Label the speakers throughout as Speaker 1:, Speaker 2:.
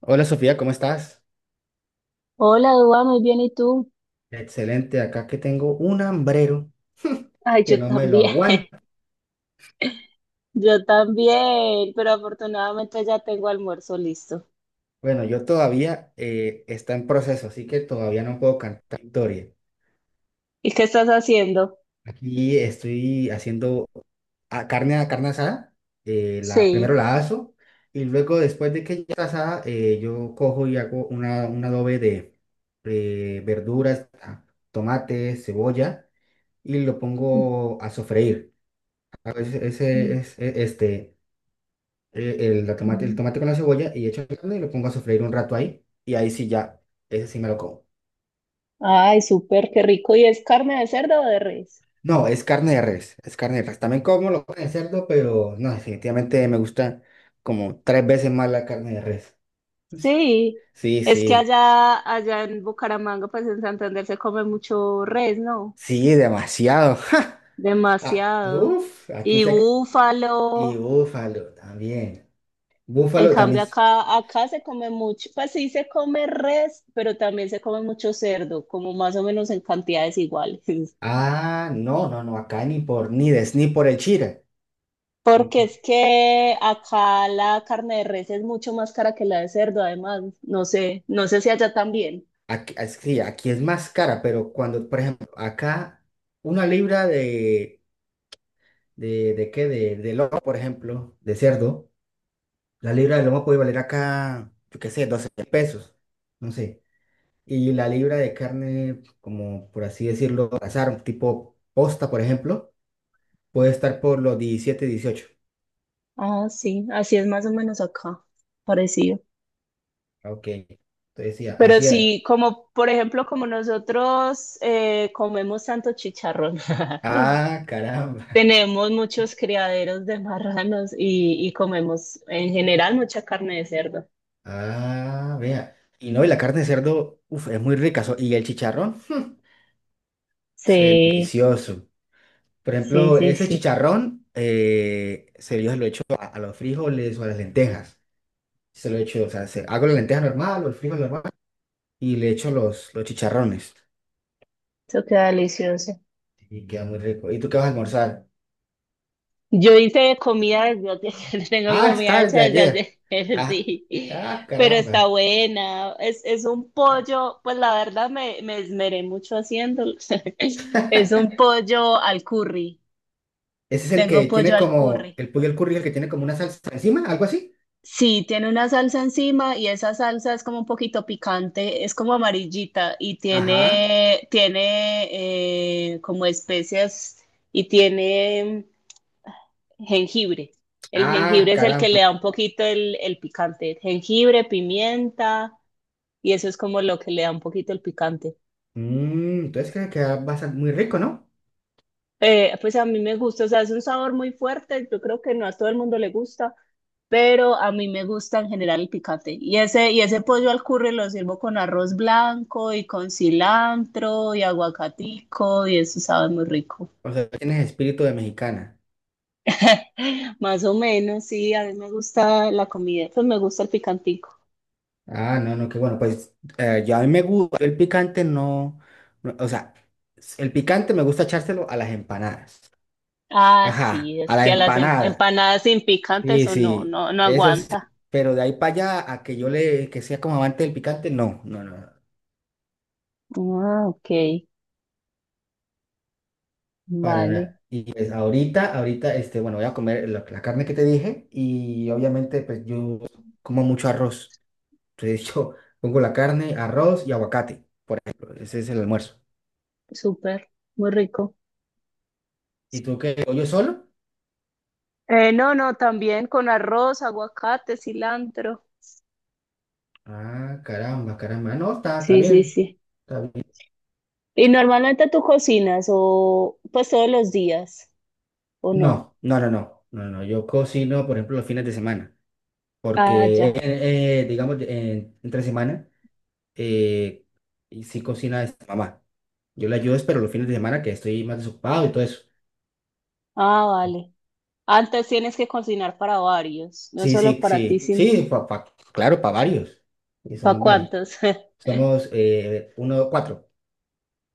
Speaker 1: Hola Sofía, ¿cómo estás?
Speaker 2: Hola, Dua, muy bien, ¿y tú?
Speaker 1: Excelente, acá que tengo un hambrero
Speaker 2: Ay,
Speaker 1: que
Speaker 2: yo
Speaker 1: no me lo
Speaker 2: también,
Speaker 1: aguanta.
Speaker 2: yo también, pero afortunadamente ya tengo almuerzo listo.
Speaker 1: Bueno, yo todavía está en proceso, así que todavía no puedo cantar victoria.
Speaker 2: ¿Y qué estás haciendo?
Speaker 1: Aquí estoy haciendo carne asada, primero
Speaker 2: Sí.
Speaker 1: la aso y luego después de que ya está asada, yo cojo y hago un adobe de verduras, ah, tomate, cebolla y lo pongo a sofreír. Ese es este. El
Speaker 2: Ujú.
Speaker 1: tomate con la cebolla y echo la carne y lo pongo a sofreír un rato ahí. Y ahí sí ya, ese sí me lo como.
Speaker 2: Ay, súper, qué rico. ¿Y es carne de cerdo o de res?
Speaker 1: No, es carne de res, es carne de res. También como lo de cerdo, pero no, definitivamente me gusta como tres veces más la carne de res.
Speaker 2: Sí,
Speaker 1: Sí,
Speaker 2: es que
Speaker 1: sí,
Speaker 2: allá, allá en Bucaramanga, pues en Santander se come mucho res, ¿no?
Speaker 1: sí, demasiado. Ah,
Speaker 2: Demasiado.
Speaker 1: uf, aquí
Speaker 2: Y
Speaker 1: se... Y
Speaker 2: búfalo.
Speaker 1: búfalo también.
Speaker 2: En
Speaker 1: Búfalo también.
Speaker 2: cambio, acá, acá se come mucho, pues sí se come res, pero también se come mucho cerdo, como más o menos en cantidades iguales.
Speaker 1: Ah, no, no, no, acá ni por el chile.
Speaker 2: Porque es que acá la carne de res es mucho más cara que la de cerdo, además. No sé, no sé si allá también.
Speaker 1: Aquí, ah, sí, aquí es más cara, pero cuando, por ejemplo, acá una libra de de lomo, por ejemplo, de cerdo, la libra de lomo puede valer acá, yo qué sé, 12 pesos, no sé. Y la libra de carne, como por así decirlo, azar, tipo posta, por ejemplo, puede estar por los 17 18.
Speaker 2: Ah, sí, así es más o menos acá, parecido.
Speaker 1: Ah, ok, entonces sí,
Speaker 2: Pero
Speaker 1: así es.
Speaker 2: sí, como por ejemplo, como nosotros comemos tanto chicharrón.
Speaker 1: Ah, caramba.
Speaker 2: Tenemos muchos criaderos de marranos y comemos en general mucha carne de cerdo.
Speaker 1: Ah, vea. Y no, y la carne de cerdo, uf, es muy rica. Y el chicharrón. Es,
Speaker 2: Sí,
Speaker 1: delicioso. Por
Speaker 2: sí,
Speaker 1: ejemplo,
Speaker 2: sí,
Speaker 1: ese
Speaker 2: sí.
Speaker 1: chicharrón, yo se lo echo a los frijoles o a las lentejas. Se lo echo, o sea, hago la lenteja normal o el frijol normal y le echo los chicharrones.
Speaker 2: Eso queda delicioso.
Speaker 1: Y queda muy rico. ¿Y tú qué vas a almorzar?
Speaker 2: Yo hice comida desde hace- tengo
Speaker 1: Ah,
Speaker 2: comida
Speaker 1: está el de
Speaker 2: hecha
Speaker 1: ayer.
Speaker 2: desde hace,
Speaker 1: Ah,
Speaker 2: sí,
Speaker 1: ah,
Speaker 2: pero está
Speaker 1: caramba.
Speaker 2: buena. Es un pollo, pues la verdad me, me esmeré mucho haciéndolo. Es un pollo al curry.
Speaker 1: Ese es el que
Speaker 2: Tengo
Speaker 1: tiene
Speaker 2: pollo al
Speaker 1: como,
Speaker 2: curry.
Speaker 1: el pollo al curry, el que tiene como una salsa encima, algo así.
Speaker 2: Sí, tiene una salsa encima y esa salsa es como un poquito picante, es como amarillita y
Speaker 1: Ajá.
Speaker 2: tiene, tiene como especias y tiene jengibre. El
Speaker 1: Ah,
Speaker 2: jengibre es el que
Speaker 1: caramba.
Speaker 2: le da un poquito el picante. Jengibre, pimienta y eso es como lo que le da un poquito el picante.
Speaker 1: Mm, entonces creo que queda bastante muy rico, ¿no?
Speaker 2: Pues a mí me gusta, o sea, es un sabor muy fuerte, yo creo que no a todo el mundo le gusta. Pero a mí me gusta en general el picante. Y ese pollo al curry lo sirvo con arroz blanco y con cilantro y aguacatico y eso sabe muy rico.
Speaker 1: O sea, tienes espíritu de mexicana.
Speaker 2: Más o menos, sí, a mí me gusta la comida, pues me gusta el picantico.
Speaker 1: Ah, no, no, qué bueno. Pues yo a mí me gusta, el picante no, no, o sea, el picante me gusta echárselo a las empanadas.
Speaker 2: Ah,
Speaker 1: Ajá,
Speaker 2: sí,
Speaker 1: a
Speaker 2: es
Speaker 1: la
Speaker 2: que a las em-
Speaker 1: empanada.
Speaker 2: empanadas sin picante
Speaker 1: Sí,
Speaker 2: eso no,
Speaker 1: sí,
Speaker 2: no, no
Speaker 1: eso sí.
Speaker 2: aguanta.
Speaker 1: Pero de ahí para allá a que yo le, que sea como amante del picante, no, no, no, no,
Speaker 2: Ah, ok,
Speaker 1: para
Speaker 2: vale,
Speaker 1: nada. Y pues ahorita, este, bueno, voy a comer la carne que te dije y obviamente pues yo como mucho arroz. Entonces yo pongo la carne, arroz y aguacate. Ese es el almuerzo.
Speaker 2: súper, muy rico.
Speaker 1: ¿Y tú qué? ¿Pollo solo?
Speaker 2: No, no, también con arroz, aguacate, cilantro.
Speaker 1: Ah, caramba, caramba. No, está, está
Speaker 2: Sí, sí,
Speaker 1: bien,
Speaker 2: sí.
Speaker 1: está bien.
Speaker 2: Y normalmente tú cocinas o pues todos los días, ¿o no?
Speaker 1: No, no, no, no, no, no. Yo cocino, por ejemplo, los fines de semana,
Speaker 2: Ah,
Speaker 1: porque,
Speaker 2: ya.
Speaker 1: digamos, entre semana, eh, y sí cocina esta mamá. Yo le ayudo, pero los fines de semana que estoy más desocupado y todo eso.
Speaker 2: Ah, vale. Antes tienes que cocinar para varios, no
Speaker 1: Sí,
Speaker 2: solo
Speaker 1: sí,
Speaker 2: para ti,
Speaker 1: sí,
Speaker 2: sino
Speaker 1: sí, claro, para varios. Y
Speaker 2: para
Speaker 1: somos varios.
Speaker 2: cuántos.
Speaker 1: Somos cuatro.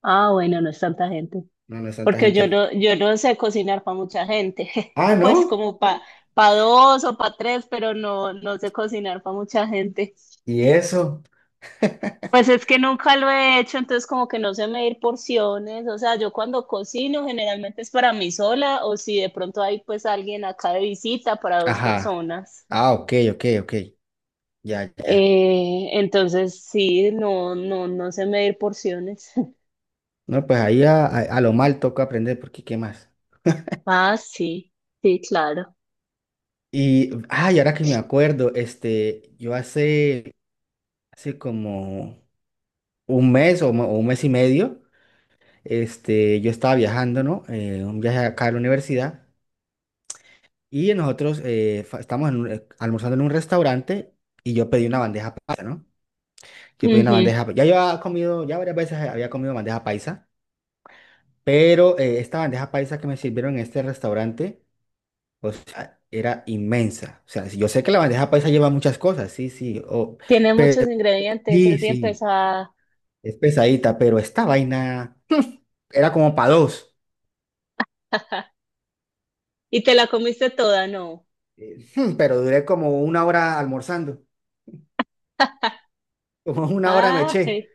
Speaker 2: Ah, bueno, no es tanta gente.
Speaker 1: No, no es tanta
Speaker 2: Porque yo
Speaker 1: gente.
Speaker 2: no, yo no sé cocinar para mucha gente.
Speaker 1: Ah,
Speaker 2: Pues
Speaker 1: ¿no?
Speaker 2: como para pa pa dos o para tres, pero no, no sé cocinar para mucha gente.
Speaker 1: ¿Y eso?
Speaker 2: Pues es que nunca lo he hecho, entonces como que no sé medir porciones, o sea, yo cuando cocino generalmente es para mí sola o si de pronto hay pues alguien acá de visita para dos
Speaker 1: Ajá.
Speaker 2: personas.
Speaker 1: Ah, ok, ok, ok. Ya, ya.
Speaker 2: Entonces sí, no, no, no sé medir porciones.
Speaker 1: No, pues ahí a lo mal toca aprender, porque ¿qué más?
Speaker 2: Ah, sí, sí, claro.
Speaker 1: Y, ay, ahora que me acuerdo, este, hace como un mes o un mes y medio, este, yo estaba viajando, ¿no? Un viaje acá a la universidad y nosotros estábamos en almorzando en un restaurante y yo pedí una bandeja paisa, ¿no? Yo pedí una
Speaker 2: Ujú.
Speaker 1: bandeja, ya yo había comido, ya varias veces había comido bandeja paisa, pero esta bandeja paisa que me sirvieron en este restaurante, o sea, era inmensa. O sea, si yo sé que la bandeja paisa lleva muchas cosas, sí, sí. O,
Speaker 2: Tiene
Speaker 1: pero
Speaker 2: muchos ingredientes,
Speaker 1: sí,
Speaker 2: es bien
Speaker 1: sí,
Speaker 2: pesada.
Speaker 1: es pesadita, pero esta vaina era como para dos.
Speaker 2: Y te la comiste toda, ¿no?
Speaker 1: Pero duré como una hora almorzando, como una hora me eché.
Speaker 2: Ay,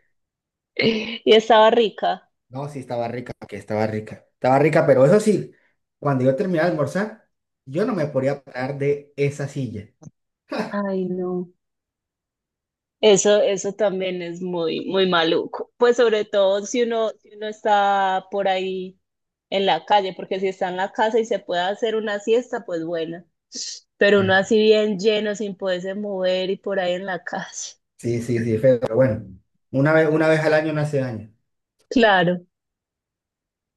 Speaker 2: y estaba rica.
Speaker 1: No, sí, estaba rica, que estaba rica. Estaba rica, pero eso sí, cuando yo terminé de almorzar, yo no me podía parar de esa silla.
Speaker 2: Ay, no. Eso también es muy, muy maluco. Pues sobre todo si uno, si uno está por ahí en la calle, porque si está en la casa y se puede hacer una siesta, pues bueno. Pero uno
Speaker 1: Ah,
Speaker 2: así bien lleno, sin poderse mover y por ahí en la calle.
Speaker 1: sí, sí, sí, feo, pero bueno. Una vez al año no hace daño.
Speaker 2: Claro.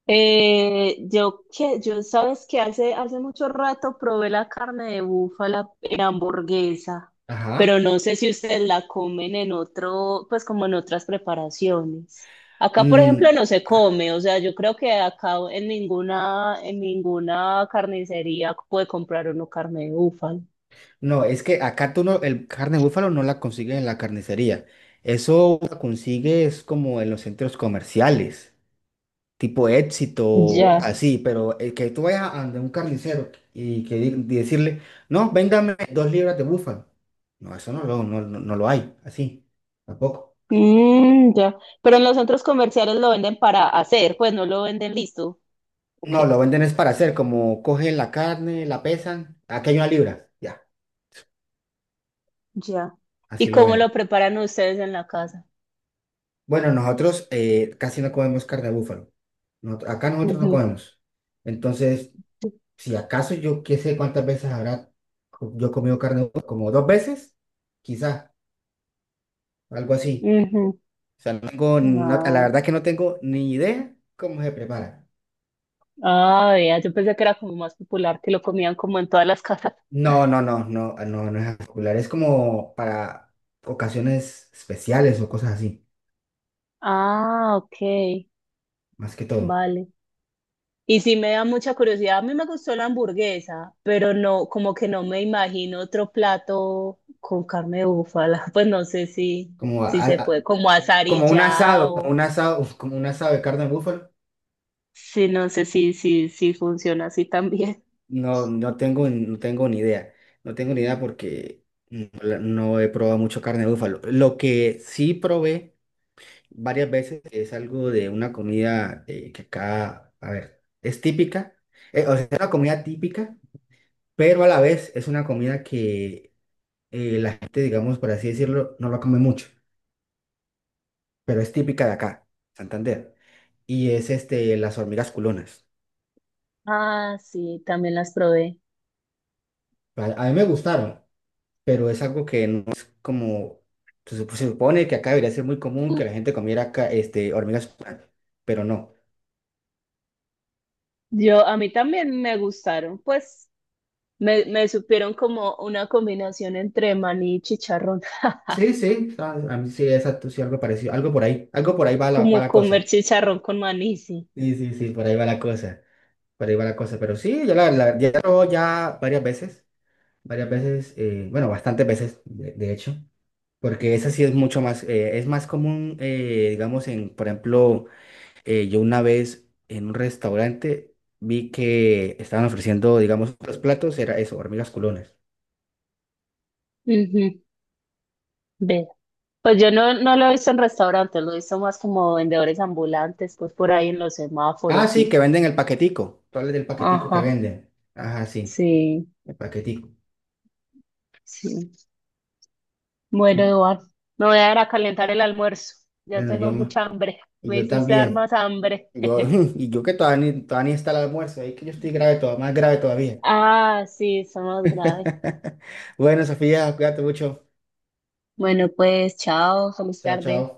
Speaker 2: Yo que yo sabes que hace mucho rato probé la carne de búfala en hamburguesa,
Speaker 1: Ajá.
Speaker 2: pero no sé si ustedes la comen en otro, pues como en otras preparaciones. Acá, por
Speaker 1: Mm,
Speaker 2: ejemplo, no se come, o sea, yo creo que acá en ninguna carnicería puede comprar uno carne de búfala.
Speaker 1: no, es que acá tú no, el carne de búfalo no la consigues en la carnicería. Eso la consigues como en los centros comerciales, tipo Éxito,
Speaker 2: Ya.
Speaker 1: así, pero el que tú vayas a donde un carnicero y que y decirle, no, véngame dos libras de búfalo. No, eso no lo, no, no lo hay, así, tampoco.
Speaker 2: Mm, ya. Pero en los centros comerciales lo venden para hacer, pues no lo venden listo. Ok.
Speaker 1: No, lo venden es para hacer, como cogen la carne, la pesan, aquí hay una libra, ya,
Speaker 2: Ya.
Speaker 1: así
Speaker 2: ¿Y
Speaker 1: lo
Speaker 2: cómo
Speaker 1: venden.
Speaker 2: lo preparan ustedes en la casa?
Speaker 1: Bueno, nosotros casi no comemos carne de búfalo. No acá nosotros no
Speaker 2: Ujú,
Speaker 1: comemos. Entonces, si acaso yo qué sé cuántas veces habrá yo comido carne de búfalo, como dos veces, quizá, algo así.
Speaker 2: ujú.
Speaker 1: O sea, no tengo, la
Speaker 2: Ah,
Speaker 1: verdad que no tengo ni idea cómo se prepara.
Speaker 2: ah, vea, yo pensé que era como más popular, que lo comían como en todas las casas.
Speaker 1: No, no, no, no, no, no es popular. Es como para ocasiones especiales o cosas así,
Speaker 2: Ah, ok,
Speaker 1: más que todo.
Speaker 2: vale. Y sí me da mucha curiosidad, a mí me gustó la hamburguesa, pero no, como que no me imagino otro plato con carne de búfala, pues no sé si,
Speaker 1: Como,
Speaker 2: si se puede, como asar y
Speaker 1: como un
Speaker 2: ya,
Speaker 1: asado, como
Speaker 2: o
Speaker 1: un asado, como un asado de carne de búfalo.
Speaker 2: sí, no sé si, si, si funciona así también.
Speaker 1: No, no tengo, no tengo ni idea. No tengo ni idea porque no, no he probado mucho carne de búfalo. Lo que sí probé varias veces es algo de una comida que acá, a ver, es típica. O sea, es una comida típica, pero a la vez es una comida que la gente, digamos, por así decirlo, no la come mucho, pero es típica de acá, Santander. Y es este, las hormigas culonas.
Speaker 2: Ah, sí, también las probé.
Speaker 1: A mí me gustaron. Pero es algo que no es como, se supone que acá debería ser muy común que la gente comiera este, hormigas, pupas, pero no.
Speaker 2: Yo, a mí también me gustaron, pues me supieron como una combinación entre maní y chicharrón,
Speaker 1: Sí, sí, a mí sí, exacto, sí, algo parecido, algo por ahí va va
Speaker 2: como
Speaker 1: la
Speaker 2: comer
Speaker 1: cosa.
Speaker 2: chicharrón con maní, sí.
Speaker 1: Sí, sí, sí, por ahí va la cosa, por ahí va la cosa, pero sí, ya la ya varias veces, bueno, bastantes veces, de hecho, porque esa sí es mucho más, es más común, digamos, en, por ejemplo, yo una vez en un restaurante vi que estaban ofreciendo, digamos, los platos, era eso, hormigas culones.
Speaker 2: Ujú, ve. Pues yo no, no lo he visto en restaurantes, lo he visto más como vendedores ambulantes, pues por ahí en los
Speaker 1: Ah,
Speaker 2: semáforos,
Speaker 1: sí,
Speaker 2: sí.
Speaker 1: que venden el paquetico. Tú hablas del paquetico que
Speaker 2: Ajá,
Speaker 1: venden. Ajá, sí,
Speaker 2: sí,
Speaker 1: el paquetico.
Speaker 2: sí. Bueno, Eduardo, me voy a ir a calentar el almuerzo. Ya
Speaker 1: Bueno, yo,
Speaker 2: tengo mucha hambre,
Speaker 1: y
Speaker 2: me
Speaker 1: yo
Speaker 2: hiciste dar
Speaker 1: también.
Speaker 2: más hambre.
Speaker 1: Yo, y yo que todavía ni está el almuerzo, ahí que yo estoy grave todavía, más grave todavía.
Speaker 2: Ah, sí, son más graves.
Speaker 1: Bueno, Sofía, cuídate mucho.
Speaker 2: Bueno, pues chao, feliz
Speaker 1: Chao, chao.
Speaker 2: tarde.